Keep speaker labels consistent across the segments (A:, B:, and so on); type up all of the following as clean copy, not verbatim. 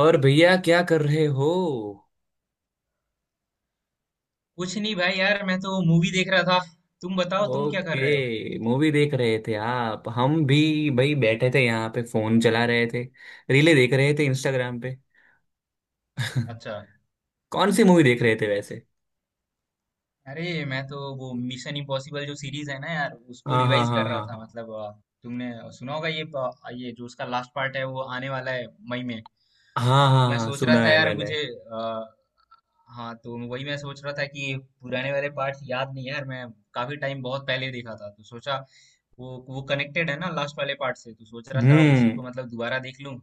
A: और भैया क्या कर रहे हो?
B: कुछ नहीं भाई यार, मैं तो मूवी देख रहा था। तुम बताओ, तुम क्या कर रहे हो?
A: ओके, मूवी देख रहे थे आप। हम भी भाई बैठे थे यहाँ पे, फोन चला रहे थे। रीले देख रहे थे इंस्टाग्राम पे।
B: अच्छा।
A: कौन सी मूवी देख रहे थे वैसे?
B: अरे मैं तो वो मिशन इम्पॉसिबल जो सीरीज है ना यार, उसको
A: हाँ हाँ
B: रिवाइज
A: हाँ
B: कर रहा था।
A: हाँ,
B: मतलब तुमने सुना होगा ये ये जो उसका लास्ट पार्ट है वो आने वाला है मई में।
A: हाँ
B: तो
A: हाँ हाँ
B: मैं
A: हाँ
B: सोच रहा
A: सुना
B: था
A: है
B: यार
A: मैंने।
B: मुझे अ, हाँ, तो वही मैं सोच रहा था कि पुराने वाले पार्ट्स याद नहीं है यार। मैं काफी टाइम बहुत पहले देखा था, तो सोचा वो कनेक्टेड है ना लास्ट वाले पार्ट से, तो सोच रहा था
A: हम्म
B: उसी
A: हम्म
B: को मतलब दोबारा देख लूं।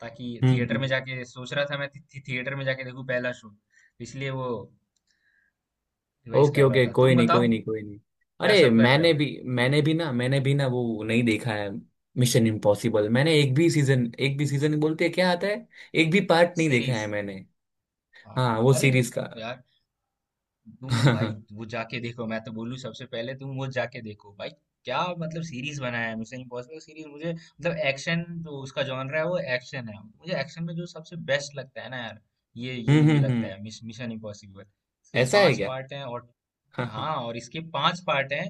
B: ताकि
A: हम्म,
B: थिएटर में
A: हम्म।
B: जाके, सोच रहा था मैं थि- थि- थिएटर में जाके देखूं पहला शो। इसलिए वो रिवाइज
A: ओके
B: कर रहा
A: ओके,
B: था।
A: कोई
B: तुम
A: नहीं
B: बताओ
A: कोई नहीं कोई
B: क्या
A: नहीं। अरे
B: सब कर रहे
A: मैंने
B: हो?
A: भी मैंने भी ना मैंने भी ना वो नहीं देखा है। मिशन इम्पॉसिबल मैंने एक भी सीजन बोलते हैं, क्या आता है। एक भी पार्ट नहीं देखा
B: सीरीज।
A: है मैंने।
B: हाँ।
A: हाँ, वो
B: अरे
A: सीरीज का।
B: यार, तुम भाई
A: हाँ।
B: वो जाके देखो, मैं तो बोलूँ सबसे पहले तुम वो जाके देखो भाई। क्या मतलब सीरीज बनाया है मिशन इम्पॉसिबल सीरीज। मुझे मतलब एक्शन जो उसका जॉनर है, वो एक्शन है। मुझे एक्शन में जो सबसे बेस्ट लगता है ना यार, ये मूवी लगता
A: हम्म।
B: है मिशन इम्पॉसिबल। इसके
A: ऐसा है
B: पांच
A: क्या?
B: पार्ट हैं और
A: हाँ हाँ।
B: हाँ, और इसके 5 पार्ट हैं।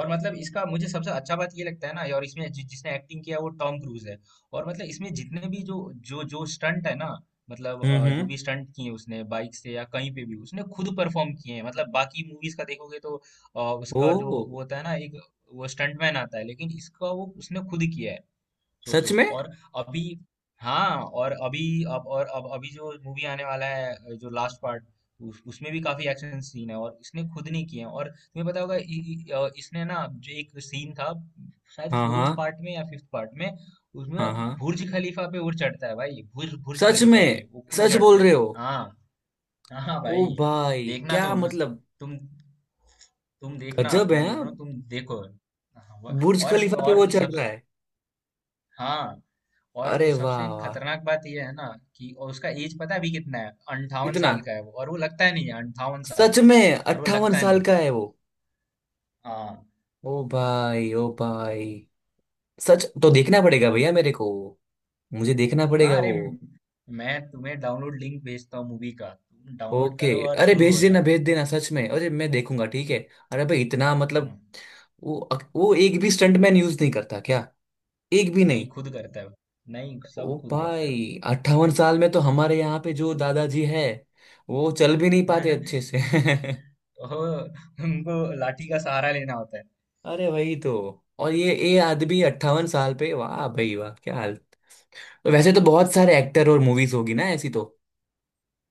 B: और मतलब इसका मुझे सबसे अच्छा बात ये लगता है ना, और इसमें जिसने एक्टिंग किया है वो टॉम क्रूज है। और मतलब इसमें जितने भी जो जो जो स्टंट है ना, मतलब जो
A: हम्म।
B: भी स्टंट किए उसने बाइक से या कहीं पे भी, उसने खुद परफॉर्म किए हैं। मतलब बाकी मूवीज का देखोगे तो
A: ओ,
B: उसका जो वो होता है ना एक वो स्टंटमैन आता है, लेकिन इसका वो उसने खुद किया है। सोचो।
A: सच में?
B: और अभी हाँ, और अभी अब और अब अभी जो मूवी आने वाला है जो लास्ट पार्ट, उसमें भी काफी एक्शन सीन है और इसने खुद नहीं किए हैं। और तुम्हें पता होगा इ, इ, अ, इसने ना जो एक सीन था शायद
A: हाँ हाँ
B: फोर्थ पार्ट में या फिफ्थ पार्ट में, उसमें
A: हाँ हाँ।
B: बुर्ज खलीफा पे वो चढ़ता है भाई। बुर्ज बुर्ज
A: सच
B: खलीफा पे
A: में?
B: वो खुद
A: सच बोल
B: चढ़ते हैं।
A: रहे हो?
B: हाँ। हाँ
A: ओ
B: भाई।
A: भाई,
B: देखना
A: क्या
B: तुम उस
A: मतलब!
B: तुम तुम देखना,
A: गजब है।
B: मैं बोल
A: हाँ?
B: रहा हूँ तुम देखो। हाँ,
A: बुर्ज
B: और
A: खलीफा पे
B: और
A: वो चढ़
B: सब।
A: रहा है!
B: हाँ और
A: अरे वाह
B: सबसे
A: वाह!
B: खतरनाक बात यह है ना कि और उसका एज पता है अभी कितना है? 58 साल
A: इतना?
B: का है वो, और वो लगता ही नहीं है 58 साल।
A: सच में
B: और वो
A: अट्ठावन
B: लगता ही
A: साल
B: नहीं।
A: का है वो?
B: हाँ।
A: ओ भाई ओ भाई, सच। तो देखना पड़ेगा भैया मेरे को। मुझे देखना
B: हाँ
A: पड़ेगा
B: अरे,
A: वो।
B: मैं तुम्हें डाउनलोड लिंक भेजता हूँ मूवी का, तुम डाउनलोड
A: ओके।
B: करो और
A: अरे
B: शुरू हो जाओ।
A: भेज देना सच में। अरे मैं देखूंगा, ठीक है। अरे भाई इतना मतलब,
B: हाँ,
A: वो वो एक भी स्टंटमैन यूज नहीं करता क्या? एक भी
B: नहीं
A: नहीं?
B: खुद करता है वो। नहीं सब
A: ओ
B: खुद करता है वो।
A: भाई, 58 साल में तो हमारे यहाँ पे जो दादाजी है, वो चल भी नहीं पाते अच्छे से।
B: ओह, उनको लाठी का सहारा लेना होता है।
A: अरे वही तो! और ये आदमी 58 साल पे, वाह भाई वाह, क्या हाल! वैसे तो बहुत सारे एक्टर और मूवीज होगी ना ऐसी तो।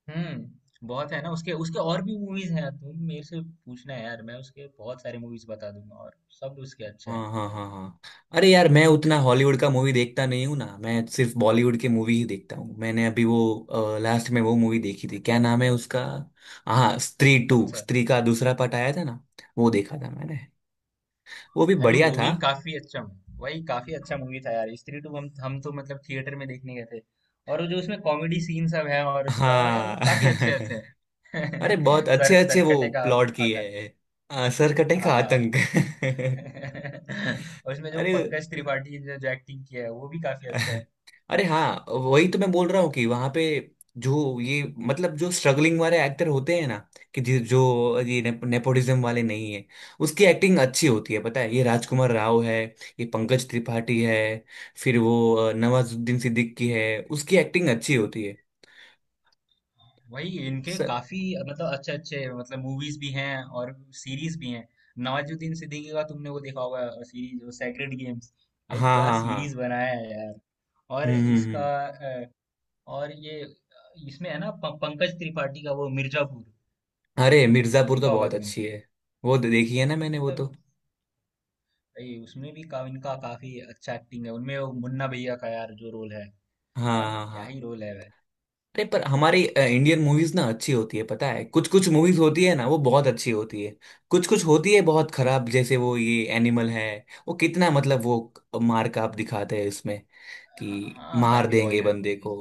B: हम्म, बहुत है ना उसके। और भी मूवीज हैं, तुम मेरे से पूछना है यार, मैं उसके बहुत सारे मूवीज बता दूंगा और सब उसके अच्छे
A: हाँ
B: हैं।
A: हाँ हाँ हाँ। अरे यार, मैं उतना हॉलीवुड का मूवी देखता नहीं हूँ ना, मैं सिर्फ बॉलीवुड के मूवी ही देखता हूँ। मैंने अभी वो लास्ट में वो मूवी देखी थी, क्या नाम है उसका। हाँ, स्त्री
B: कौन
A: टू।
B: सा?
A: स्त्री का दूसरा पार्ट आया था ना, वो देखा था मैंने। वो भी
B: अरे
A: बढ़िया
B: वो भी
A: था।
B: काफी अच्छा। वही काफी अच्छा मूवी था यार स्त्री टू। हम तो मतलब थिएटर में देखने गए थे। और वो जो उसमें कॉमेडी सीन सब है और उसका वो यार वो
A: हाँ।
B: काफी अच्छे अच्छे
A: अरे
B: हैं।
A: बहुत अच्छे
B: सर
A: अच्छे वो
B: सरकटे का
A: प्लॉट किए
B: आकंत।
A: हैं। सरकटे का
B: हाँ।
A: आतंक।
B: और उसमें जो
A: अरे।
B: पंकज त्रिपाठी ने जो एक्टिंग किया है वो भी काफी अच्छा है।
A: अरे हाँ वही तो मैं बोल रहा हूँ कि वहां पे, जो ये, मतलब जो स्ट्रगलिंग वाले एक्टर होते हैं ना, कि जो नेपोटिज्म वाले नहीं है, उसकी एक्टिंग अच्छी होती है पता है। ये राजकुमार राव है, ये पंकज त्रिपाठी है, फिर वो नवाजुद्दीन सिद्दीकी है। उसकी एक्टिंग अच्छी होती है।
B: वही इनके
A: स-
B: काफी मतलब अच्छे अच्छे मतलब मूवीज भी हैं और सीरीज भी हैं। नवाजुद्दीन सिद्दीकी का तुमने वो देखा होगा सीरीज, वो सेक्रेड गेम्स। भाई
A: हाँ
B: क्या
A: हाँ
B: सीरीज
A: हाँ।
B: बनाया है यार। और
A: हम्म हम्म
B: इसका
A: हम्म।
B: और ये इसमें है ना पंकज त्रिपाठी का वो मिर्जापुर,
A: अरे मिर्जापुर तो
B: देखा होगा
A: बहुत
B: तुमने।
A: अच्छी है। वो तो देखी है ना मैंने, वो तो।
B: मतलब भाई उसमें भी इनका काफी अच्छा एक्टिंग है। उनमें वो मुन्ना भैया का यार जो रोल है,
A: हाँ
B: अब
A: हाँ
B: क्या
A: हाँ।
B: ही रोल है भाई।
A: अरे पर हमारी इंडियन मूवीज ना अच्छी होती है पता है। कुछ कुछ मूवीज होती है ना वो बहुत अच्छी होती है। कुछ कुछ होती है बहुत खराब, जैसे वो ये एनिमल है, वो कितना मतलब वो मार काप दिखाते हैं इसमें,
B: हाँ
A: कि
B: हाँ,
A: मार
B: काफी
A: देंगे
B: वॉयलेंट
A: बंदे को।
B: मूवीज।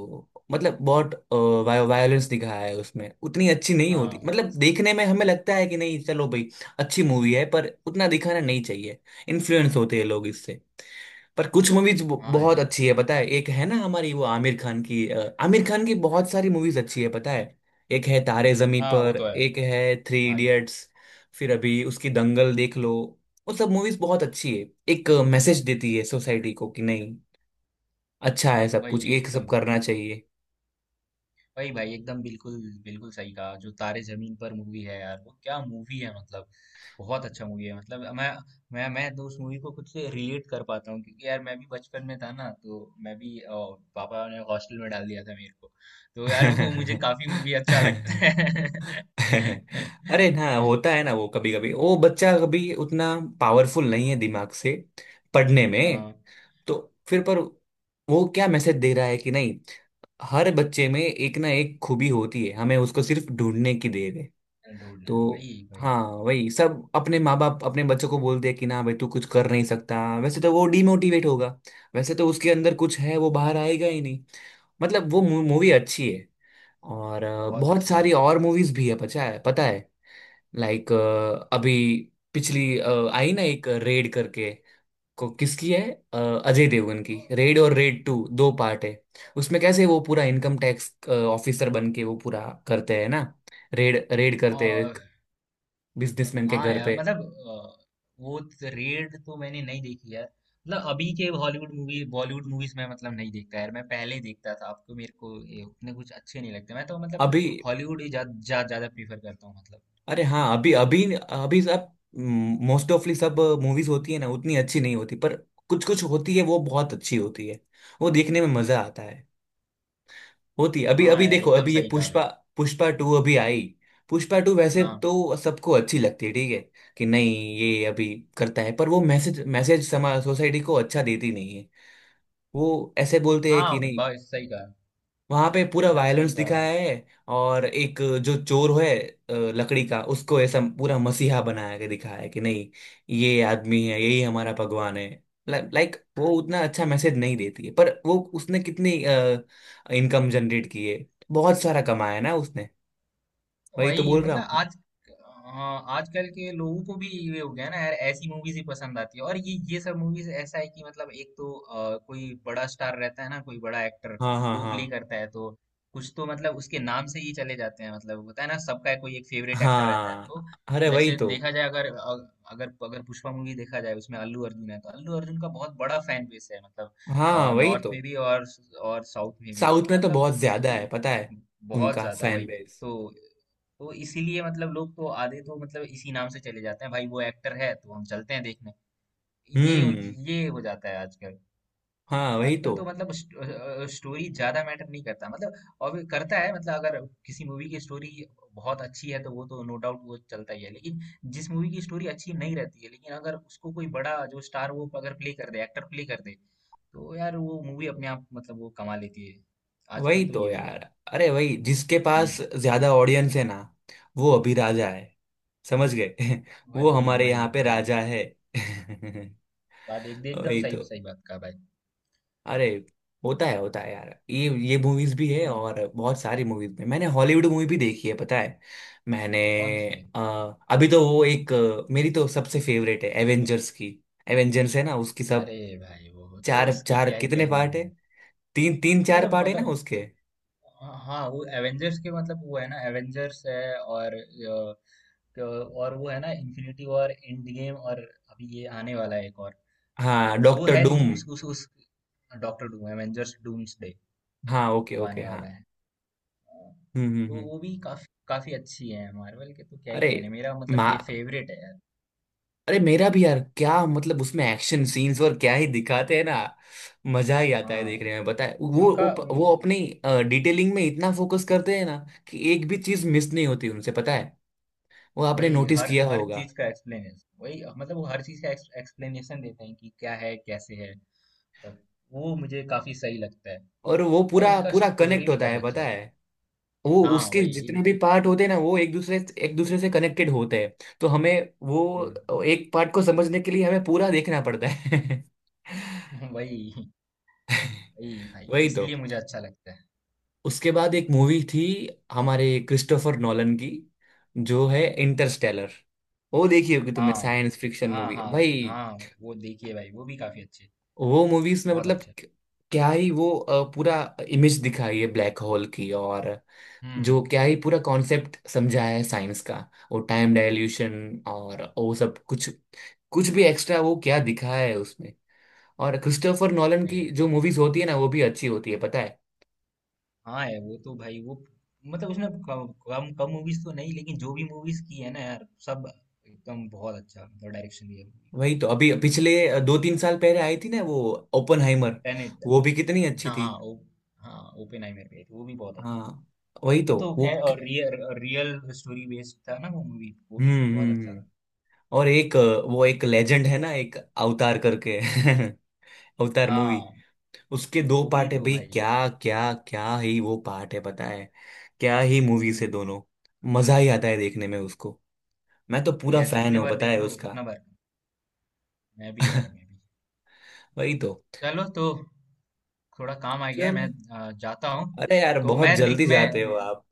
A: मतलब बहुत वायोलेंस दिखाया है उसमें, उतनी अच्छी नहीं होती,
B: हाँ।
A: मतलब देखने में हमें लगता है कि नहीं चलो भाई, अच्छी मूवी है पर उतना दिखाना नहीं चाहिए। इन्फ्लुएंस होते हैं लोग इससे। पर कुछ मूवीज
B: हाँ
A: बहुत
B: यार।
A: अच्छी है पता है। एक है ना हमारी वो आमिर खान की, आमिर खान की बहुत सारी मूवीज अच्छी है पता है। एक है तारे जमी
B: हाँ वो
A: पर,
B: तो है।
A: एक है थ्री
B: भाई।
A: इडियट्स, फिर अभी उसकी दंगल देख लो। वो सब मूवीज बहुत अच्छी है, एक मैसेज देती है सोसाइटी को, कि नहीं अच्छा है, सब
B: भाई
A: कुछ ये सब
B: एकदम
A: करना चाहिए।
B: वही भाई एकदम बिल्कुल, बिल्कुल सही कहा। जो तारे जमीन पर मूवी है यार, वो क्या मूवी है मतलब। बहुत अच्छा मूवी है मतलब। मैं तो उस मूवी को खुद से रिलेट कर पाता हूँ, क्योंकि यार मैं भी बचपन में था ना, तो मैं भी पापा ने हॉस्टल में डाल दिया था मेरे को। तो यार वो मुझे काफी मूवी अच्छा लगता है।
A: अरे ना, होता है ना वो कभी कभी, वो बच्चा कभी उतना पावरफुल नहीं है दिमाग से, पढ़ने में।
B: हाँ,
A: तो फिर पर वो क्या मैसेज दे रहा है कि नहीं, हर बच्चे में एक ना एक खूबी होती है, हमें उसको सिर्फ ढूंढने की देर।
B: ढूंढना
A: तो
B: है, वही वही।
A: हाँ वही सब अपने माँ बाप अपने बच्चों को बोलते हैं कि ना भाई तू कुछ कर नहीं सकता, वैसे तो वो डिमोटिवेट होगा, वैसे तो उसके अंदर कुछ है वो बाहर आएगा ही नहीं। मतलब वो मूवी अच्छी है। और
B: बहुत
A: बहुत
B: अच्छी मूवी।
A: सारी और मूवीज भी है पता है, पता है। लाइक, अभी पिछली आई ना एक रेड करके, को किसकी है, अ, अजय देवगन की,
B: और,
A: रेड और रेड टू, 2 पार्ट है। उसमें कैसे वो पूरा इनकम टैक्स ऑफिसर बन के वो पूरा करते हैं ना, रेड रेड करते हैं
B: और
A: बिजनेसमैन के
B: हाँ
A: घर
B: यार
A: पे।
B: मतलब अ, वो रेड तो मैंने नहीं देखी यार। मतलब अभी के हॉलीवुड मूवी बॉलीवुड मूवीज में मतलब नहीं देखता यार मैं। पहले देखता था आपको, मेरे को ये उतने कुछ अच्छे नहीं लगते। मैं तो मतलब
A: अभी।
B: हॉलीवुड ही ज्यादा जा, जा, ज्यादा प्रीफर करता हूँ मतलब।
A: अरे हाँ, अभी अभी अभी सब मोस्ट ऑफली सब मूवीज होती है ना उतनी अच्छी नहीं होती, पर कुछ कुछ होती है वो बहुत अच्छी होती है, वो देखने में मजा आता है। होती है, अभी
B: हाँ
A: अभी
B: यार
A: देखो,
B: एकदम
A: अभी ये
B: सही कहा भाई।
A: पुष्पा, पुष्पा टू अभी आई। पुष्पा टू वैसे
B: हाँ।
A: तो सबको अच्छी लगती है, ठीक है कि नहीं। ये अभी करता है, पर वो मैसेज मैसेज समाज सोसाइटी को अच्छा देती नहीं है, वो ऐसे बोलते हैं कि
B: हाँ
A: नहीं।
B: बस सही कहा।
A: वहां पे पूरा
B: एकदम
A: वायलेंस
B: सही कहा भाई।
A: दिखाया है। और एक जो चोर है, लकड़ी का, उसको ऐसा पूरा मसीहा बनाया के दिखाया है कि नहीं, ये आदमी है, यही हमारा भगवान है। लाइक वो उतना अच्छा मैसेज नहीं देती है, पर वो उसने कितनी इनकम जनरेट की है, बहुत सारा कमाया है ना उसने। वही तो
B: वही
A: बोल रहा
B: मतलब
A: हूँ मैं।
B: आज हाँ आजकल के लोगों को भी ये हो गया ना यार, ऐसी मूवीज ही पसंद आती है। और ये सब मूवीज ऐसा है कि मतलब एक तो कोई बड़ा स्टार रहता है ना, कोई बड़ा एक्टर
A: हाँ हाँ
B: वो
A: हाँ
B: प्ले करता है, तो कुछ तो मतलब उसके नाम से ही चले जाते हैं। मतलब होता है ना सबका कोई एक फेवरेट एक्टर रहता है तो।
A: हाँ। अरे वही
B: जैसे
A: तो।
B: देखा जाए अगर अगर अगर पुष्पा मूवी देखा जाए, उसमें अल्लू अर्जुन है, तो अल्लू अर्जुन का बहुत बड़ा फैन बेस है मतलब।
A: हाँ
B: और
A: वही
B: नॉर्थ
A: तो।
B: में भी और साउथ में भी
A: साउथ
B: तो
A: में तो
B: मतलब,
A: बहुत ज्यादा है पता है,
B: इसलिए बहुत
A: उनका
B: ज्यादा
A: फैन
B: वही
A: बेस।
B: तो तो इसीलिए मतलब लोग तो आधे तो मतलब इसी नाम से चले जाते हैं भाई। वो एक्टर है तो हम चलते हैं देखने। ये
A: हम्म।
B: ये हो जाता है आजकल
A: हाँ
B: तो।
A: वही
B: आजकल
A: तो।
B: तो मतलब स्टोरी ज्यादा मैटर नहीं करता मतलब। और भी करता है मतलब, अगर किसी मूवी की स्टोरी बहुत अच्छी है तो वो तो नो डाउट वो चलता ही है, लेकिन जिस मूवी की स्टोरी अच्छी नहीं रहती है, लेकिन अगर उसको कोई बड़ा जो स्टार वो अगर प्ले कर दे, एक्टर प्ले कर दे, तो यार वो मूवी अपने आप मतलब वो कमा लेती है। आजकल
A: वही
B: तो
A: तो
B: ये हो गया।
A: यार, अरे वही जिसके पास
B: हम्म।
A: ज्यादा ऑडियंस है ना, वो अभी राजा है, समझ गए। वो
B: वही
A: हमारे यहाँ
B: वही
A: पे
B: वही।
A: राजा है।
B: बात एक एकदम
A: वही
B: सही
A: तो।
B: सही बात कहा भाई।
A: अरे होता है यार, ये मूवीज भी है।
B: हुँ,
A: और बहुत सारी मूवीज में मैंने हॉलीवुड मूवी भी देखी है पता है, मैंने।
B: कौन-सी?
A: अ, अभी तो वो एक, मेरी तो सबसे फेवरेट है एवेंजर्स की। एवेंजर्स है ना उसकी
B: अरे
A: सब,
B: भाई वो तो
A: चार
B: उसके
A: चार
B: क्या ही
A: कितने
B: कहने
A: पार्ट है।
B: हैं।
A: तीन तीन
B: ये
A: चार
B: तो
A: पार्ट है ना
B: मतलब
A: उसके।
B: ह हाँ, वो एवेंजर्स के मतलब वो है ना एवेंजर्स है और अ, क और वो है ना इन्फिनिटी वॉर, एंड गेम और अभी ये आने वाला है एक और।
A: हाँ,
B: वो
A: डॉक्टर
B: है
A: डूम।
B: लेकिन उस डॉक्टर डूम एवेंजर्स डूम्सडे
A: हाँ ओके
B: वो आने
A: ओके हाँ।
B: वाला है। हाँ, तो
A: हम्म।
B: वो भी काफ़ी काफ़ी अच्छी है। मार्वल के तो क्या ही
A: अरे
B: कहने, मेरा मतलब
A: मा
B: फे फेवरेट है यार।
A: अरे मेरा भी यार, क्या मतलब उसमें एक्शन सीन्स और क्या ही दिखाते हैं ना, मजा ही आता है
B: हाँ,
A: देखने में पता है। वो
B: उनका उन
A: वो अपनी डिटेलिंग में इतना फोकस करते हैं ना कि एक भी चीज मिस नहीं होती उनसे, पता है वो आपने
B: वही
A: नोटिस
B: हर
A: किया
B: हर
A: होगा।
B: चीज का एक्सप्लेनेशन वही मतलब वो हर चीज का एक्सप्लेनेशन देते हैं कि क्या है कैसे है, तब वो मुझे काफी सही लगता है।
A: और वो
B: और
A: पूरा
B: उनका
A: पूरा
B: स्टोरी
A: कनेक्ट
B: भी
A: होता
B: काफी
A: है
B: अच्छा
A: पता
B: है।
A: है। वो
B: हाँ
A: उसके
B: वही
A: जितने भी
B: एक
A: पार्ट होते हैं ना वो एक दूसरे से कनेक्टेड होते हैं, तो हमें
B: हम्म,
A: वो एक पार्ट को समझने के लिए हमें पूरा देखना पड़ता है।
B: वही वही भाई
A: वही तो।
B: इसलिए मुझे अच्छा लगता है।
A: उसके बाद एक मूवी थी हमारे क्रिस्टोफर नॉलन की, जो है इंटरस्टेलर, वो देखी होगी तुमने,
B: हाँ
A: साइंस फिक्शन
B: हाँ
A: मूवी
B: हाँ
A: भाई।
B: हाँ वो देखिए भाई वो भी काफी अच्छे,
A: वो मूवीज में
B: बहुत
A: मतलब
B: अच्छे।
A: क्या ही वो पूरा इमेज दिखाई है ब्लैक होल की, और जो
B: हम्म।
A: क्या ही पूरा कॉन्सेप्ट समझाया है साइंस का, वो टाइम डायल्यूशन और वो सब कुछ, कुछ भी एक्स्ट्रा वो क्या दिखाया है उसमें। और क्रिस्टोफर नॉलन
B: वही
A: की
B: है।
A: जो मूवीज होती है ना वो भी अच्छी होती है पता है।
B: हाँ है, वो तो भाई वो मतलब उसने कम कम मूवीज तो नहीं, लेकिन जो भी मूवीज की है ना यार सब एकदम बहुत अच्छा मतलब डायरेक्शन दिया।
A: वही तो, अभी पिछले दो तीन साल पहले आई थी ना वो, ओपनहाइमर।
B: टेनेट।
A: वो भी कितनी अच्छी
B: हाँ
A: थी।
B: हाँ ओ, हाँ ओपेनहाइमर पे आई थी वो भी बहुत अच्छी थी।
A: हाँ वही तो
B: वो तो
A: वो
B: खैर और रियल, रियल स्टोरी बेस्ड था ना वो मूवी, वो
A: हम्म
B: भी बहुत
A: हम्म
B: अच्छा
A: हम्म।
B: था।
A: और एक, वो एक लेजेंड है ना, एक अवतार करके। अवतार मूवी,
B: हाँ
A: उसके दो
B: वो भी
A: पार्ट है
B: तो
A: भाई,
B: भाई।
A: क्या, क्या क्या ही वो पार्ट है पता है, क्या ही मूवी से
B: हम्म।
A: दोनों। मजा ही आता है देखने में उसको, मैं तो पूरा
B: यार
A: फैन
B: जितने
A: हूँ
B: बार
A: पता
B: देख
A: है
B: लो
A: उसका।
B: उतना बार, मैं भी यार मैं भी।
A: वही तो।
B: चलो तो थोड़ा काम आ गया है, मैं
A: चलो।
B: जाता हूँ।
A: अरे यार
B: तो
A: बहुत
B: मैं लिंक
A: जल्दी जाते हो
B: में
A: आप।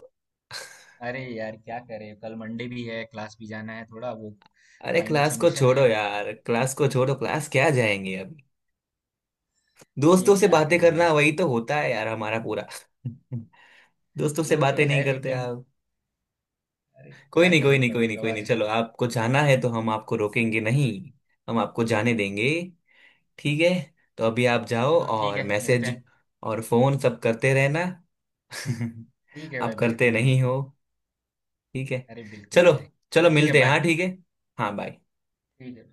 B: अरे यार क्या करे, कल मंडे भी है, क्लास भी जाना है थोड़ा वो,
A: अरे
B: फाइनल
A: क्लास को
B: सबमिशन
A: छोड़ो
B: है।
A: यार, क्लास को छोड़ो, क्लास क्या जाएंगे अब!
B: अरे
A: दोस्तों से
B: क्या
A: बातें
B: करें भाई।
A: करना वही तो होता है यार हमारा पूरा। दोस्तों से
B: वो तो
A: बातें नहीं
B: है,
A: करते
B: लेकिन
A: आप?
B: अरे
A: कोई
B: क्या
A: नहीं कोई
B: करें
A: नहीं कोई
B: कभी
A: नहीं कोई नहीं,
B: कभार।
A: चलो आपको जाना है तो हम आपको रोकेंगे नहीं, हम आपको जाने देंगे, ठीक है। तो अभी आप जाओ,
B: चलो ठीक
A: और
B: है, मिलते
A: मैसेज
B: हैं।
A: और फोन सब करते रहना।
B: ठीक है
A: आप
B: भाई,
A: करते
B: बिल्कुल
A: नहीं
B: बिल्कुल।
A: हो। ठीक है,
B: अरे बिल्कुल
A: चलो,
B: करे, चलो
A: चलो
B: ठीक है,
A: मिलते हैं,
B: बाय।
A: हाँ ठीक है, हाँ बाय।
B: ठीक है।